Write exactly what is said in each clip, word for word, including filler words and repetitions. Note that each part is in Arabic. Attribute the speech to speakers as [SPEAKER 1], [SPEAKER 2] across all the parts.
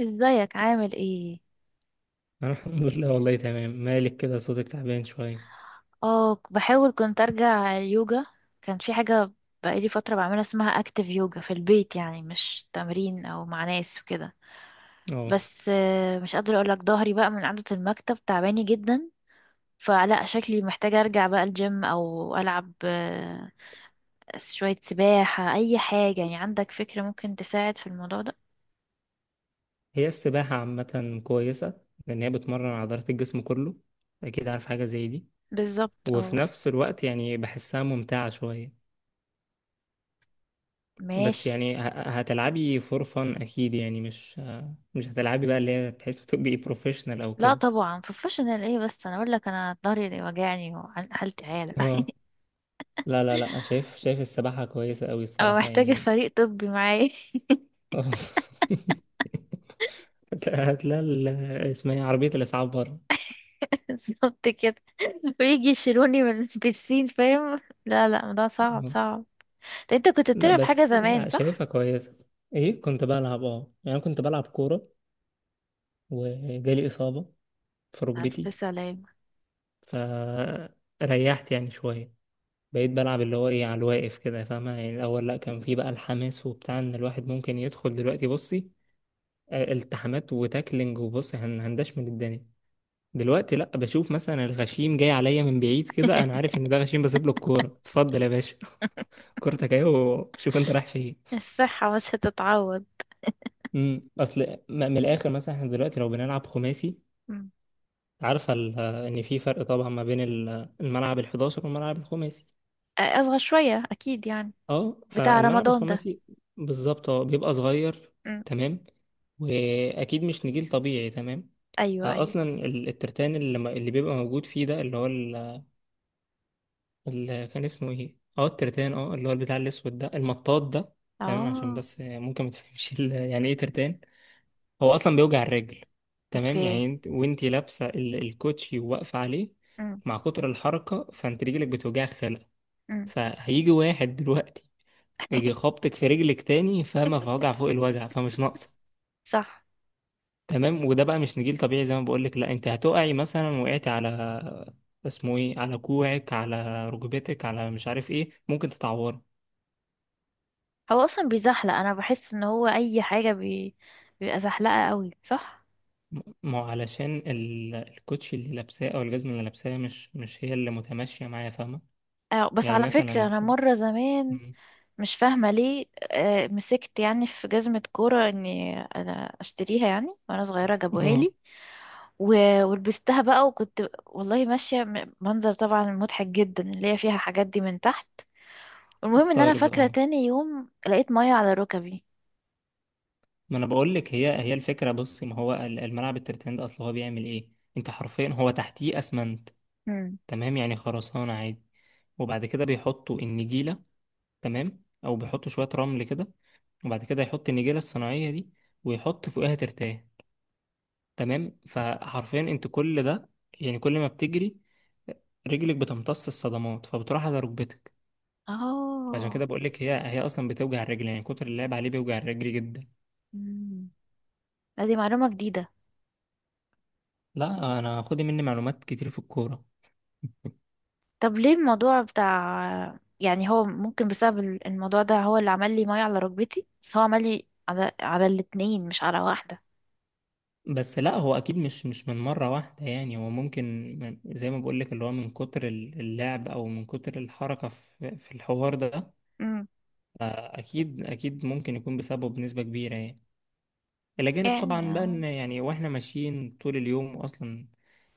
[SPEAKER 1] ازيك عامل ايه؟
[SPEAKER 2] أنا الحمد لله والله تمام. مالك كده؟ صوتك تعبان شوية.
[SPEAKER 1] اه، ك- بحاول كنت ارجع اليوجا. كان في حاجة بقالي فترة بعملها، اسمها اكتيف يوجا، في البيت، يعني مش تمرين او مع ناس وكده.
[SPEAKER 2] اه.
[SPEAKER 1] بس آه، مش قادرة اقولك، ظهري بقى من قعدة المكتب تعباني جدا. فلا شكلي محتاجة ارجع بقى الجيم او العب، آه، شوية سباحة، اي حاجة. يعني عندك فكرة ممكن تساعد في الموضوع ده؟
[SPEAKER 2] هي السباحة عامة كويسة، لأن هي بتمرن عضلات الجسم كله. أكيد عارف حاجة زي دي.
[SPEAKER 1] بالظبط،
[SPEAKER 2] وفي
[SPEAKER 1] اه.
[SPEAKER 2] نفس الوقت يعني بحسها ممتعة شوية. بس
[SPEAKER 1] ماشي.
[SPEAKER 2] يعني ه- هتلعبي فور فن أكيد، يعني مش مش هتلعبي بقى اللي هي بحيث تبقي بروفيشنال أو
[SPEAKER 1] لا
[SPEAKER 2] كده.
[SPEAKER 1] طبعا بروفيشنال ايه، بس انا اقول لك، انا ظهري اللي وجعني وحالتي عالة.
[SPEAKER 2] اه، لا لا لا، شايف شايف السباحة كويسة أوي
[SPEAKER 1] اه،
[SPEAKER 2] الصراحة
[SPEAKER 1] محتاجة
[SPEAKER 2] يعني.
[SPEAKER 1] فريق طبي معايا.
[SPEAKER 2] هتلاقي هتلاقي ال- اسمها إيه؟ عربية الإسعاف بره.
[SPEAKER 1] بالظبط كده. ويجي يشيلوني من البسين، فاهم؟ لا لا، ده صعب
[SPEAKER 2] اه.
[SPEAKER 1] صعب. ده انت كنت
[SPEAKER 2] لا
[SPEAKER 1] بتلعب حاجة
[SPEAKER 2] بس
[SPEAKER 1] زمان، صح؟
[SPEAKER 2] شايفها كويسة. ايه كنت بلعب، اه يعني أنا كنت بلعب كورة، وجالي إصابة في ركبتي،
[SPEAKER 1] ألف سلامة.
[SPEAKER 2] فريحت يعني شوية. بقيت بلعب اللي هو ايه، على الواقف كده فاهمة؟ يعني الأول لأ، كان في بقى الحماس وبتاع، إن الواحد ممكن يدخل دلوقتي بصي آه، التحامات وتاكلينج، وبصي هن- هندش من الدنيا. دلوقتي لأ، بشوف مثلا الغشيم جاي عليا من بعيد كده، أنا عارف إن ده غشيم، بسيب له الكورة، اتفضل يا باشا. كورتك أهي، وشوف أنت رايح فين.
[SPEAKER 1] الصحة مش هتتعوض.
[SPEAKER 2] امم اصل م- من الاخر، مثلا احنا دلوقتي لو بنلعب خماسي،
[SPEAKER 1] مم.
[SPEAKER 2] عارفه ال- ان في فرق طبعا ما بين ال- الملعب الحداشر والملعب الخماسي.
[SPEAKER 1] آه، أصغر شوية أكيد يعني.
[SPEAKER 2] اه،
[SPEAKER 1] بتاع
[SPEAKER 2] فالملعب
[SPEAKER 1] رمضان ده.
[SPEAKER 2] الخماسي بالظبط. اه بيبقى صغير،
[SPEAKER 1] مم.
[SPEAKER 2] تمام. واكيد مش نجيل طبيعي، تمام.
[SPEAKER 1] أيوه، أيوه.
[SPEAKER 2] اصلا ال- الترتان اللي, م- اللي بيبقى موجود فيه، ده اللي هو ال- اللي كان اسمه ايه، اه الترتان، اه اللي هو البتاع الاسود ده، المطاط ده. تمام. عشان
[SPEAKER 1] اه.
[SPEAKER 2] بس ممكن ما تفهمش ال- يعني ايه ترتان، هو اصلا بيوجع الرجل. تمام،
[SPEAKER 1] اوكي.
[SPEAKER 2] يعني انت وانت لابسه ال- الكوتشي وواقفه عليه
[SPEAKER 1] مم.
[SPEAKER 2] مع كتر الحركه، فانت رجلك بتوجع خلع.
[SPEAKER 1] مم.
[SPEAKER 2] فهيجي واحد دلوقتي يجي خبطك في رجلك تاني، فما في وجع فوق الوجع، فمش ناقصه.
[SPEAKER 1] صح.
[SPEAKER 2] تمام. وده بقى مش نجيل طبيعي، زي ما بقولك. لا انت هتقعي مثلا، وقعتي على اسمه ايه، على كوعك، على ركبتك، على مش عارف ايه، ممكن تتعوري.
[SPEAKER 1] هو أصلا بيزحلق، أنا بحس إن هو أي حاجة بي... بيبقى زحلقة قوي، صح؟
[SPEAKER 2] ما هو علشان ال- الكوتشي اللي لابساه او الجزمه اللي لابساها، مش مش هي اللي متماشيه معايا، فاهمه؟
[SPEAKER 1] آه بس
[SPEAKER 2] يعني
[SPEAKER 1] على فكرة
[SPEAKER 2] مثلا،
[SPEAKER 1] أنا
[SPEAKER 2] في
[SPEAKER 1] مرة زمان، مش فاهمة ليه، آه، مسكت يعني في جزمة كورة، اني انا اشتريها يعني، وانا صغيرة جابوها
[SPEAKER 2] اه
[SPEAKER 1] لي. و- ولبستها بقى، وكنت والله ماشية، م- منظر طبعا مضحك جدا، اللي هي فيها حاجات دي من تحت. المهم ان انا
[SPEAKER 2] ستارز.
[SPEAKER 1] فاكرة،
[SPEAKER 2] اه.
[SPEAKER 1] تاني يوم لقيت مية على ركبي.
[SPEAKER 2] ما انا بقول لك، هي هي الفكره بصي، ما هو ال- الملعب الترتان ده، اصل هو بيعمل ايه؟ انت حرفيا هو تحتيه اسمنت.
[SPEAKER 1] مم.
[SPEAKER 2] تمام، يعني خرسانه عادي. وبعد كده بيحطوا النجيله. تمام، او بيحطوا شويه رمل كده، وبعد كده يحط النجيله الصناعيه دي، ويحط فوقها ترتان. تمام. فحرفيا انت كل ده، يعني كل ما بتجري، رجلك بتمتص الصدمات، فبتروح على ركبتك. عشان كده
[SPEAKER 1] اه.
[SPEAKER 2] بقول لك هي هي اصلا بتوجع الرجل، يعني كتر اللعب عليه بيوجع الرجل جدا.
[SPEAKER 1] مم. لا، دي معلومة جديدة.
[SPEAKER 2] لا انا، خدي مني معلومات كتير في الكوره.
[SPEAKER 1] طب ليه الموضوع بتاع، يعني هو ممكن بسبب ال- الموضوع ده هو اللي عمل لي مية على ركبتي؟ بس هو عمل لي على على الاتنين مش على واحدة.
[SPEAKER 2] بس لا، هو اكيد مش مش من مره واحده. يعني هو ممكن من- زي ما بقول لك، اللي هو من كتر ال- اللعب او من كتر الحركه في في الحوار ده. اكيد اكيد ممكن يكون بسببه بنسبه كبيره يعني، الى جانب
[SPEAKER 1] يعني
[SPEAKER 2] طبعا بقى
[SPEAKER 1] آه،
[SPEAKER 2] ان يعني واحنا ماشيين طول اليوم اصلا.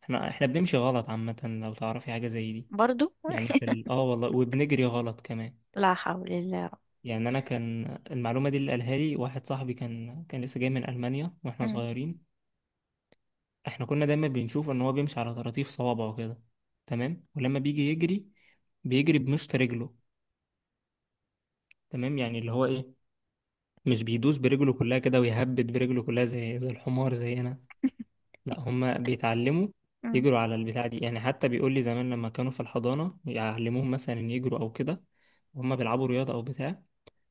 [SPEAKER 2] احنا احنا بنمشي غلط عامه، لو تعرفي حاجه زي دي.
[SPEAKER 1] برضو.
[SPEAKER 2] يعني في ال- اه والله، وبنجري غلط كمان.
[SPEAKER 1] لا حول الله.
[SPEAKER 2] يعني انا، كان المعلومه دي اللي قالها لي واحد صاحبي، كان كان لسه جاي من المانيا واحنا
[SPEAKER 1] أم،
[SPEAKER 2] صغيرين. احنا كنا دايما بنشوف ان هو بيمشي على طراطيف صوابعه كده، تمام. ولما بيجي يجري، بيجري بمشط رجله. تمام، يعني اللي هو ايه، مش بيدوس برجله كلها كده ويهبد برجله كلها، زي زي الحمار زينا. لا هما بيتعلموا
[SPEAKER 1] أم.
[SPEAKER 2] يجروا على البتاع دي، يعني حتى بيقول لي زمان لما كانوا في الحضانة يعلموهم مثلا ان يجروا او كده، وهم بيلعبوا رياضة او بتاع.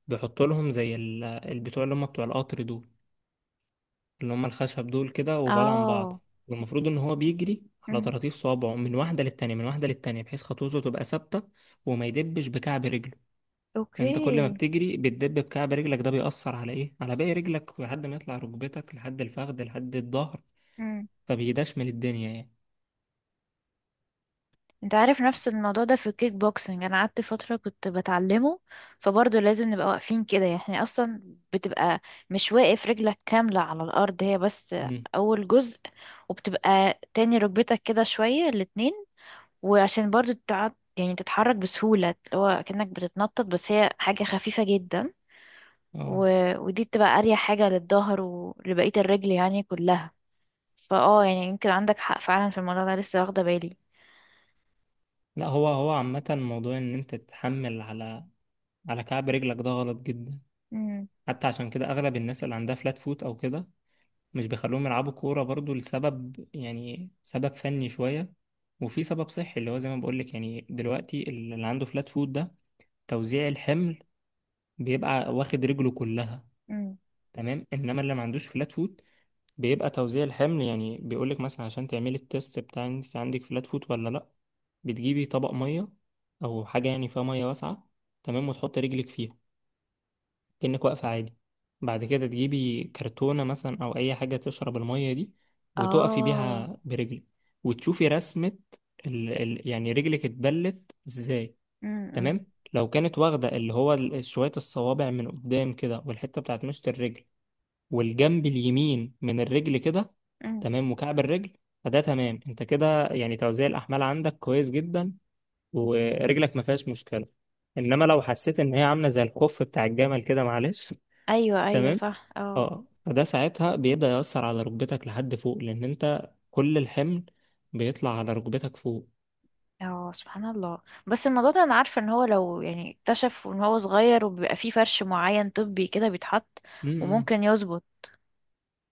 [SPEAKER 2] بيحطوا لهم زي ال- البتوع اللي هم بتوع القطر دول، اللي هم الخشب دول كده، وبعاد عن
[SPEAKER 1] اه.
[SPEAKER 2] بعض. والمفروض ان هو بيجري على
[SPEAKER 1] أم.
[SPEAKER 2] طراطيف صوابعه من واحده للتانيه، من واحده للتانيه، بحيث خطوته تبقى ثابته. وما يدبش بكعب رجله. انت كل ما
[SPEAKER 1] اوكي.
[SPEAKER 2] بتجري بتدب بكعب رجلك، ده بيأثر على ايه، على باقي رجلك، لحد ما يطلع ركبتك، لحد الفخذ، لحد الظهر.
[SPEAKER 1] أم.
[SPEAKER 2] فبيدشمل الدنيا يعني.
[SPEAKER 1] انت عارف، نفس الموضوع ده في الكيك بوكسنج انا قعدت فترة كنت بتعلمه. فبرضه لازم نبقى واقفين كده يعني اصلا، بتبقى مش واقف رجلك كاملة على الارض، هي بس
[SPEAKER 2] امم
[SPEAKER 1] اول جزء. وبتبقى تاني ركبتك كده شوية الاتنين، وعشان برضه تقعد يعني تتحرك بسهولة، اللي هو كأنك بتتنطط، بس هي حاجة خفيفة جدا.
[SPEAKER 2] اه
[SPEAKER 1] و... ودي بتبقى اريح حاجة للظهر ولبقية الرجل يعني كلها. فاه يعني يمكن عندك حق فعلا في الموضوع ده، لسه واخدة بالي.
[SPEAKER 2] لا، هو هو عامه موضوع ان انت تتحمل على على كعب رجلك، ده غلط جدا.
[SPEAKER 1] امم.
[SPEAKER 2] حتى عشان كده اغلب الناس اللي عندها فلات فوت او كده مش بيخلوهم يلعبوا كورة برضو، لسبب يعني سبب فني شوية، وفي سبب صحي اللي هو زي ما بقولك. يعني دلوقتي اللي عنده فلات فوت ده، توزيع الحمل بيبقى واخد رجله كلها.
[SPEAKER 1] امم.
[SPEAKER 2] تمام. انما اللي ما عندوش فلات فوت، بيبقى توزيع الحمل. يعني بيقولك مثلا، عشان تعملي التيست بتاع انت عندك فلات فوت ولا لا، بتجيبي طبق مية او حاجة يعني فيها مية واسعة. تمام، وتحط رجلك فيها كأنك واقفة عادي. بعد كده تجيبي كرتونة مثلا أو أي حاجة تشرب المية دي، وتقفي
[SPEAKER 1] اه.
[SPEAKER 2] بيها برجلك. وتشوفي رسمة ال... ال... يعني رجلك اتبلت ازاي.
[SPEAKER 1] امم.
[SPEAKER 2] تمام. لو كانت واخدة اللي هو ال- شوية الصوابع من قدام كده، والحتة بتاعت مشط الرجل، والجنب اليمين من الرجل كده.
[SPEAKER 1] امم.
[SPEAKER 2] تمام، وكعب الرجل. فده تمام، انت كده يعني توزيع الأحمال عندك كويس جدا، ورجلك ما فيهاش مشكلة. انما لو حسيت ان هي عامله زي الخف بتاع الجمل كده، معلش.
[SPEAKER 1] ايوه، ايوه،
[SPEAKER 2] تمام.
[SPEAKER 1] صح، اه.
[SPEAKER 2] اه فده ساعتها بيبدأ يأثر على ركبتك لحد فوق، لأن أنت كل الحمل بيطلع على ركبتك فوق.
[SPEAKER 1] اه، سبحان الله. بس الموضوع ده انا عارفه ان هو لو يعني اكتشف ان هو صغير، وبيبقى فيه فرش معين طبي كده بيتحط،
[SPEAKER 2] امم
[SPEAKER 1] وممكن يظبط.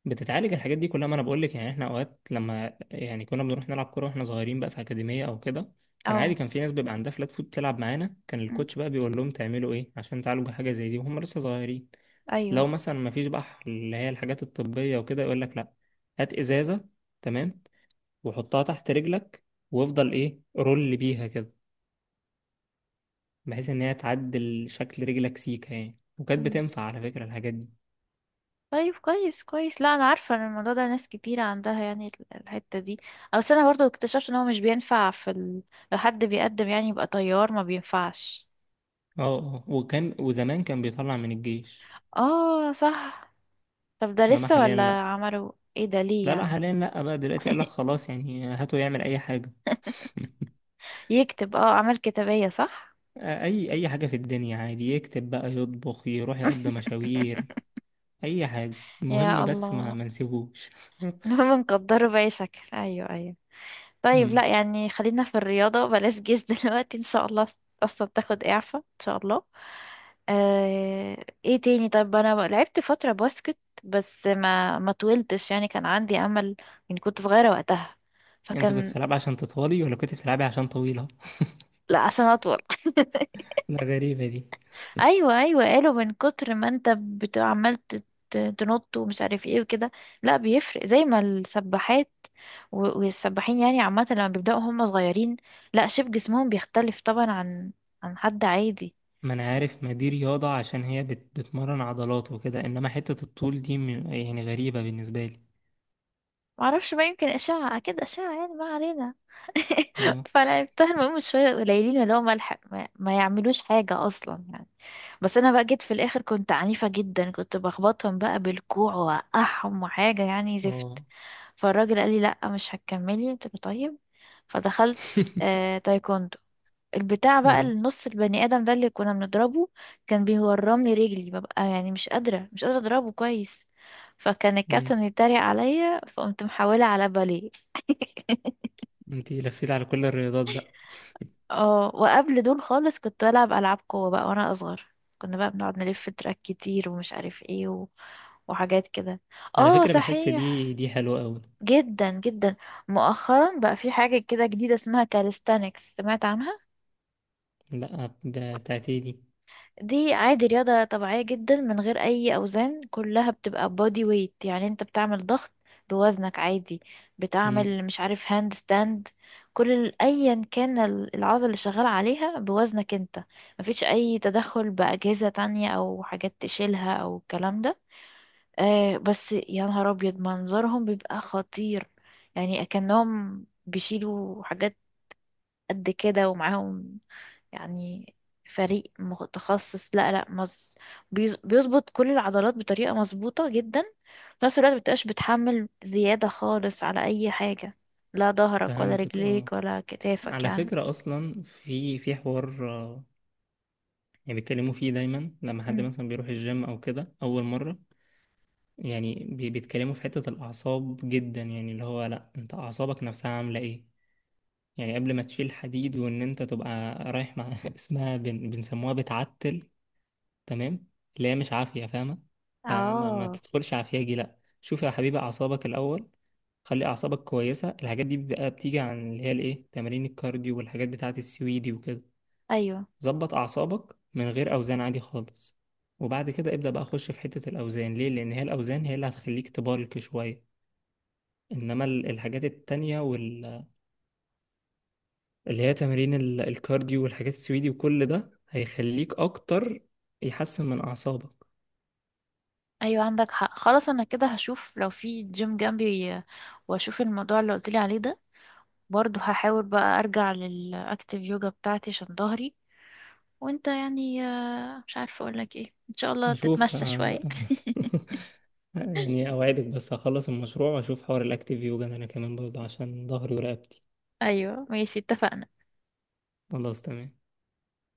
[SPEAKER 2] بتتعالج الحاجات دي كلها. ما أنا بقولك، يعني إحنا أوقات لما يعني كنا بنروح نلعب كورة وإحنا صغيرين بقى في أكاديمية أو كده، كان عادي،
[SPEAKER 1] اه.
[SPEAKER 2] كان في ناس بيبقى عندها فلات فوت تلعب معانا، كان
[SPEAKER 1] أمم.
[SPEAKER 2] الكوتش بقى بيقول لهم تعملوا إيه عشان تعالجوا حاجة زي دي وهم لسه صغيرين. لو
[SPEAKER 1] ايوه.
[SPEAKER 2] مثلا ما فيش بقى اللي هي الحاجات الطبية وكده، يقول لك لأ، هات إزازة. تمام، وحطها تحت رجلك، وافضل إيه، رول بيها كده، بحيث ان هي تعدل شكل رجلك سيكة يعني. وكانت بتنفع على فكرة، الحاجات دي.
[SPEAKER 1] طيب، كويس كويس. لا انا عارفه ان الموضوع ده ناس كتير عندها، يعني ال- الحته دي. أو بس انا برضو اكتشفت ان هو مش بينفع في ال... لو حد بيقدم يعني يبقى طيار، ما بينفعش.
[SPEAKER 2] اه، اه. وكان وزمان كان بيطلع من الجيش.
[SPEAKER 1] اه، صح. طب ده
[SPEAKER 2] انما
[SPEAKER 1] لسه
[SPEAKER 2] حاليا
[SPEAKER 1] ولا
[SPEAKER 2] لا.
[SPEAKER 1] عملوا؟ ايه ده، ليه
[SPEAKER 2] لا، لا
[SPEAKER 1] يعني؟
[SPEAKER 2] حاليا لا بقى. دلوقتي قال لك خلاص يعني، هاته يعمل اي حاجة.
[SPEAKER 1] يكتب، اه، اعمال كتابيه، صح؟
[SPEAKER 2] اي اي حاجة في الدنيا عادي، يكتب بقى، يطبخ، يروح يقضي مشاوير. اي حاجة، المهم
[SPEAKER 1] يا
[SPEAKER 2] بس ما
[SPEAKER 1] الله.
[SPEAKER 2] ما نسيبوش.
[SPEAKER 1] المهم نقدره باي شكل. ايوه، ايوه. طيب،
[SPEAKER 2] أمم.
[SPEAKER 1] لا يعني خلينا في الرياضة، بلاش جيش دلوقتي ان شاء الله. اصلا تاخد اعفاء ان شاء الله. آه، ايه تاني؟ طب انا لعبت فترة باسكت، بس ما ما طولتش، يعني كان عندي امل، يعني كنت صغيرة وقتها،
[SPEAKER 2] انتوا كنتوا
[SPEAKER 1] فكان.
[SPEAKER 2] بتلعبي عشان تطولي، ولا كنت بتلعبي عشان طويلة؟
[SPEAKER 1] لا عشان اطول.
[SPEAKER 2] لا، غريبة دي.
[SPEAKER 1] ايوه، ايوه، قالوا من كتر ما انت بت- عمال ت- ت- تنط ومش عارف ايه وكده. لا، بيفرق زي ما السباحات و- والسباحين، يعني عامه لما بيبداوا هم صغيرين، لا شيب، جسمهم بيختلف طبعا عن عن حد عادي.
[SPEAKER 2] ما انا عارف، ما دي رياضة عشان هي بت... بتمرن عضلات وكده، انما حتة الطول دي م- يعني غريبة بالنسبة لي.
[SPEAKER 1] معرفش بقى، يمكن اشعه، اكيد اشعه يعني، ما علينا.
[SPEAKER 2] اه،
[SPEAKER 1] فلعبتها، المهم شويه قليلين، اللي هو ملحق ما, ما يعملوش حاجه اصلا يعني. بس انا بقى جيت في الاخر كنت عنيفه جدا، كنت بخبطهم بقى بالكوع واوقعهم، وحاجه يعني زفت.
[SPEAKER 2] اه.
[SPEAKER 1] فالراجل قال لي لا مش هتكملي، قلت له طيب، فدخلت. آه تايكوندو. البتاع بقى
[SPEAKER 2] اه.
[SPEAKER 1] النص البني ادم ده اللي كنا بنضربه كان بيورمني رجلي، ببقى يعني مش قادره، مش قادره اضربه كويس. فكان الكابتن
[SPEAKER 2] امم
[SPEAKER 1] يتريق عليا، فقمت محولة على باليه.
[SPEAKER 2] انتي لفيت على كل الرياضات بقى.
[SPEAKER 1] اه، وقبل دول خالص كنت بلعب العاب قوه بقى وانا اصغر، كنا بقى بنقعد نلف تراك كتير، ومش عارف ايه و... وحاجات كده.
[SPEAKER 2] على
[SPEAKER 1] اه،
[SPEAKER 2] فكرة بحس
[SPEAKER 1] صحيح.
[SPEAKER 2] دي دي حلوة قوي.
[SPEAKER 1] جدا جدا. مؤخرا بقى في حاجة كده جديدة اسمها كاليستانكس، سمعت عنها؟
[SPEAKER 2] لا، ده بتاعت ايه دي؟
[SPEAKER 1] دي عادي رياضة طبيعية جدا، من غير أي أوزان، كلها بتبقى بودي ويت، يعني انت بتعمل ضغط بوزنك عادي،
[SPEAKER 2] امم
[SPEAKER 1] بتعمل مش عارف هاند ستاند. كل ال- أيا كان ال- العضلة اللي شغال عليها بوزنك انت، مفيش أي تدخل بأجهزة تانية أو حاجات تشيلها أو الكلام ده. آه بس يا نهار أبيض، منظرهم بيبقى خطير، يعني كأنهم بيشيلوا حاجات قد كده، ومعاهم يعني فريق متخصص. لا لا، مز... بيز- بيظبط كل العضلات بطريقة مظبوطة جدا، في نفس الوقت مبتبقاش بتحمل زيادة خالص على أي حاجة، لا ظهرك ولا
[SPEAKER 2] فهمتك. اه.
[SPEAKER 1] رجليك ولا كتافك
[SPEAKER 2] على
[SPEAKER 1] يعني.
[SPEAKER 2] فكرة اصلا في في حوار، آه، يعني بيتكلموا فيه دايما لما حد
[SPEAKER 1] أمم.
[SPEAKER 2] مثلا بيروح الجيم او كده اول مرة. يعني بي- بيتكلموا في حتة الاعصاب جدا، يعني اللي هو، لا انت اعصابك نفسها عاملة ايه. يعني قبل ما تشيل حديد، وان انت تبقى رايح مع اسمها بن... بنسموها بتعتل. تمام، اللي هي مش عافية، فاهمة؟ ت- ما... ما
[SPEAKER 1] اه.
[SPEAKER 2] تدخلش عافياجي، لا شوف يا حبيبي اعصابك الاول. خلي اعصابك كويسة، الحاجات دي بقى بتيجي عن اللي هي الايه، تمارين الكارديو والحاجات بتاعه السويدي وكده.
[SPEAKER 1] ايوه،
[SPEAKER 2] ظبط اعصابك من غير اوزان عادي خالص، وبعد كده ابدأ بقى اخش في حتة الاوزان. ليه؟ لان هي الاوزان هي اللي هتخليك تبالك شوية. انما ال- الحاجات التانية وال اللي هي تمارين ال- الكارديو والحاجات السويدي وكل ده هيخليك اكتر، يحسن من اعصابك.
[SPEAKER 1] ايوه، عندك حق. خلاص، انا كده هشوف لو في جيم جنبي، واشوف الموضوع اللي قلتلي عليه ده. برضه هحاول بقى ارجع للاكتيف يوجا بتاعتي عشان ظهري. وانت يعني آه، مش عارفة اقولك ايه، ان شاء الله
[SPEAKER 2] هشوف،
[SPEAKER 1] تتمشى
[SPEAKER 2] آه، بقى.
[SPEAKER 1] شوية.
[SPEAKER 2] يعني اوعدك، بس هخلص المشروع واشوف حوار الاكتيف يوجا ده، انا كمان برضه، عشان ظهري ورقبتي.
[SPEAKER 1] ايوه، ماشي، اتفقنا.
[SPEAKER 2] خلاص تمام.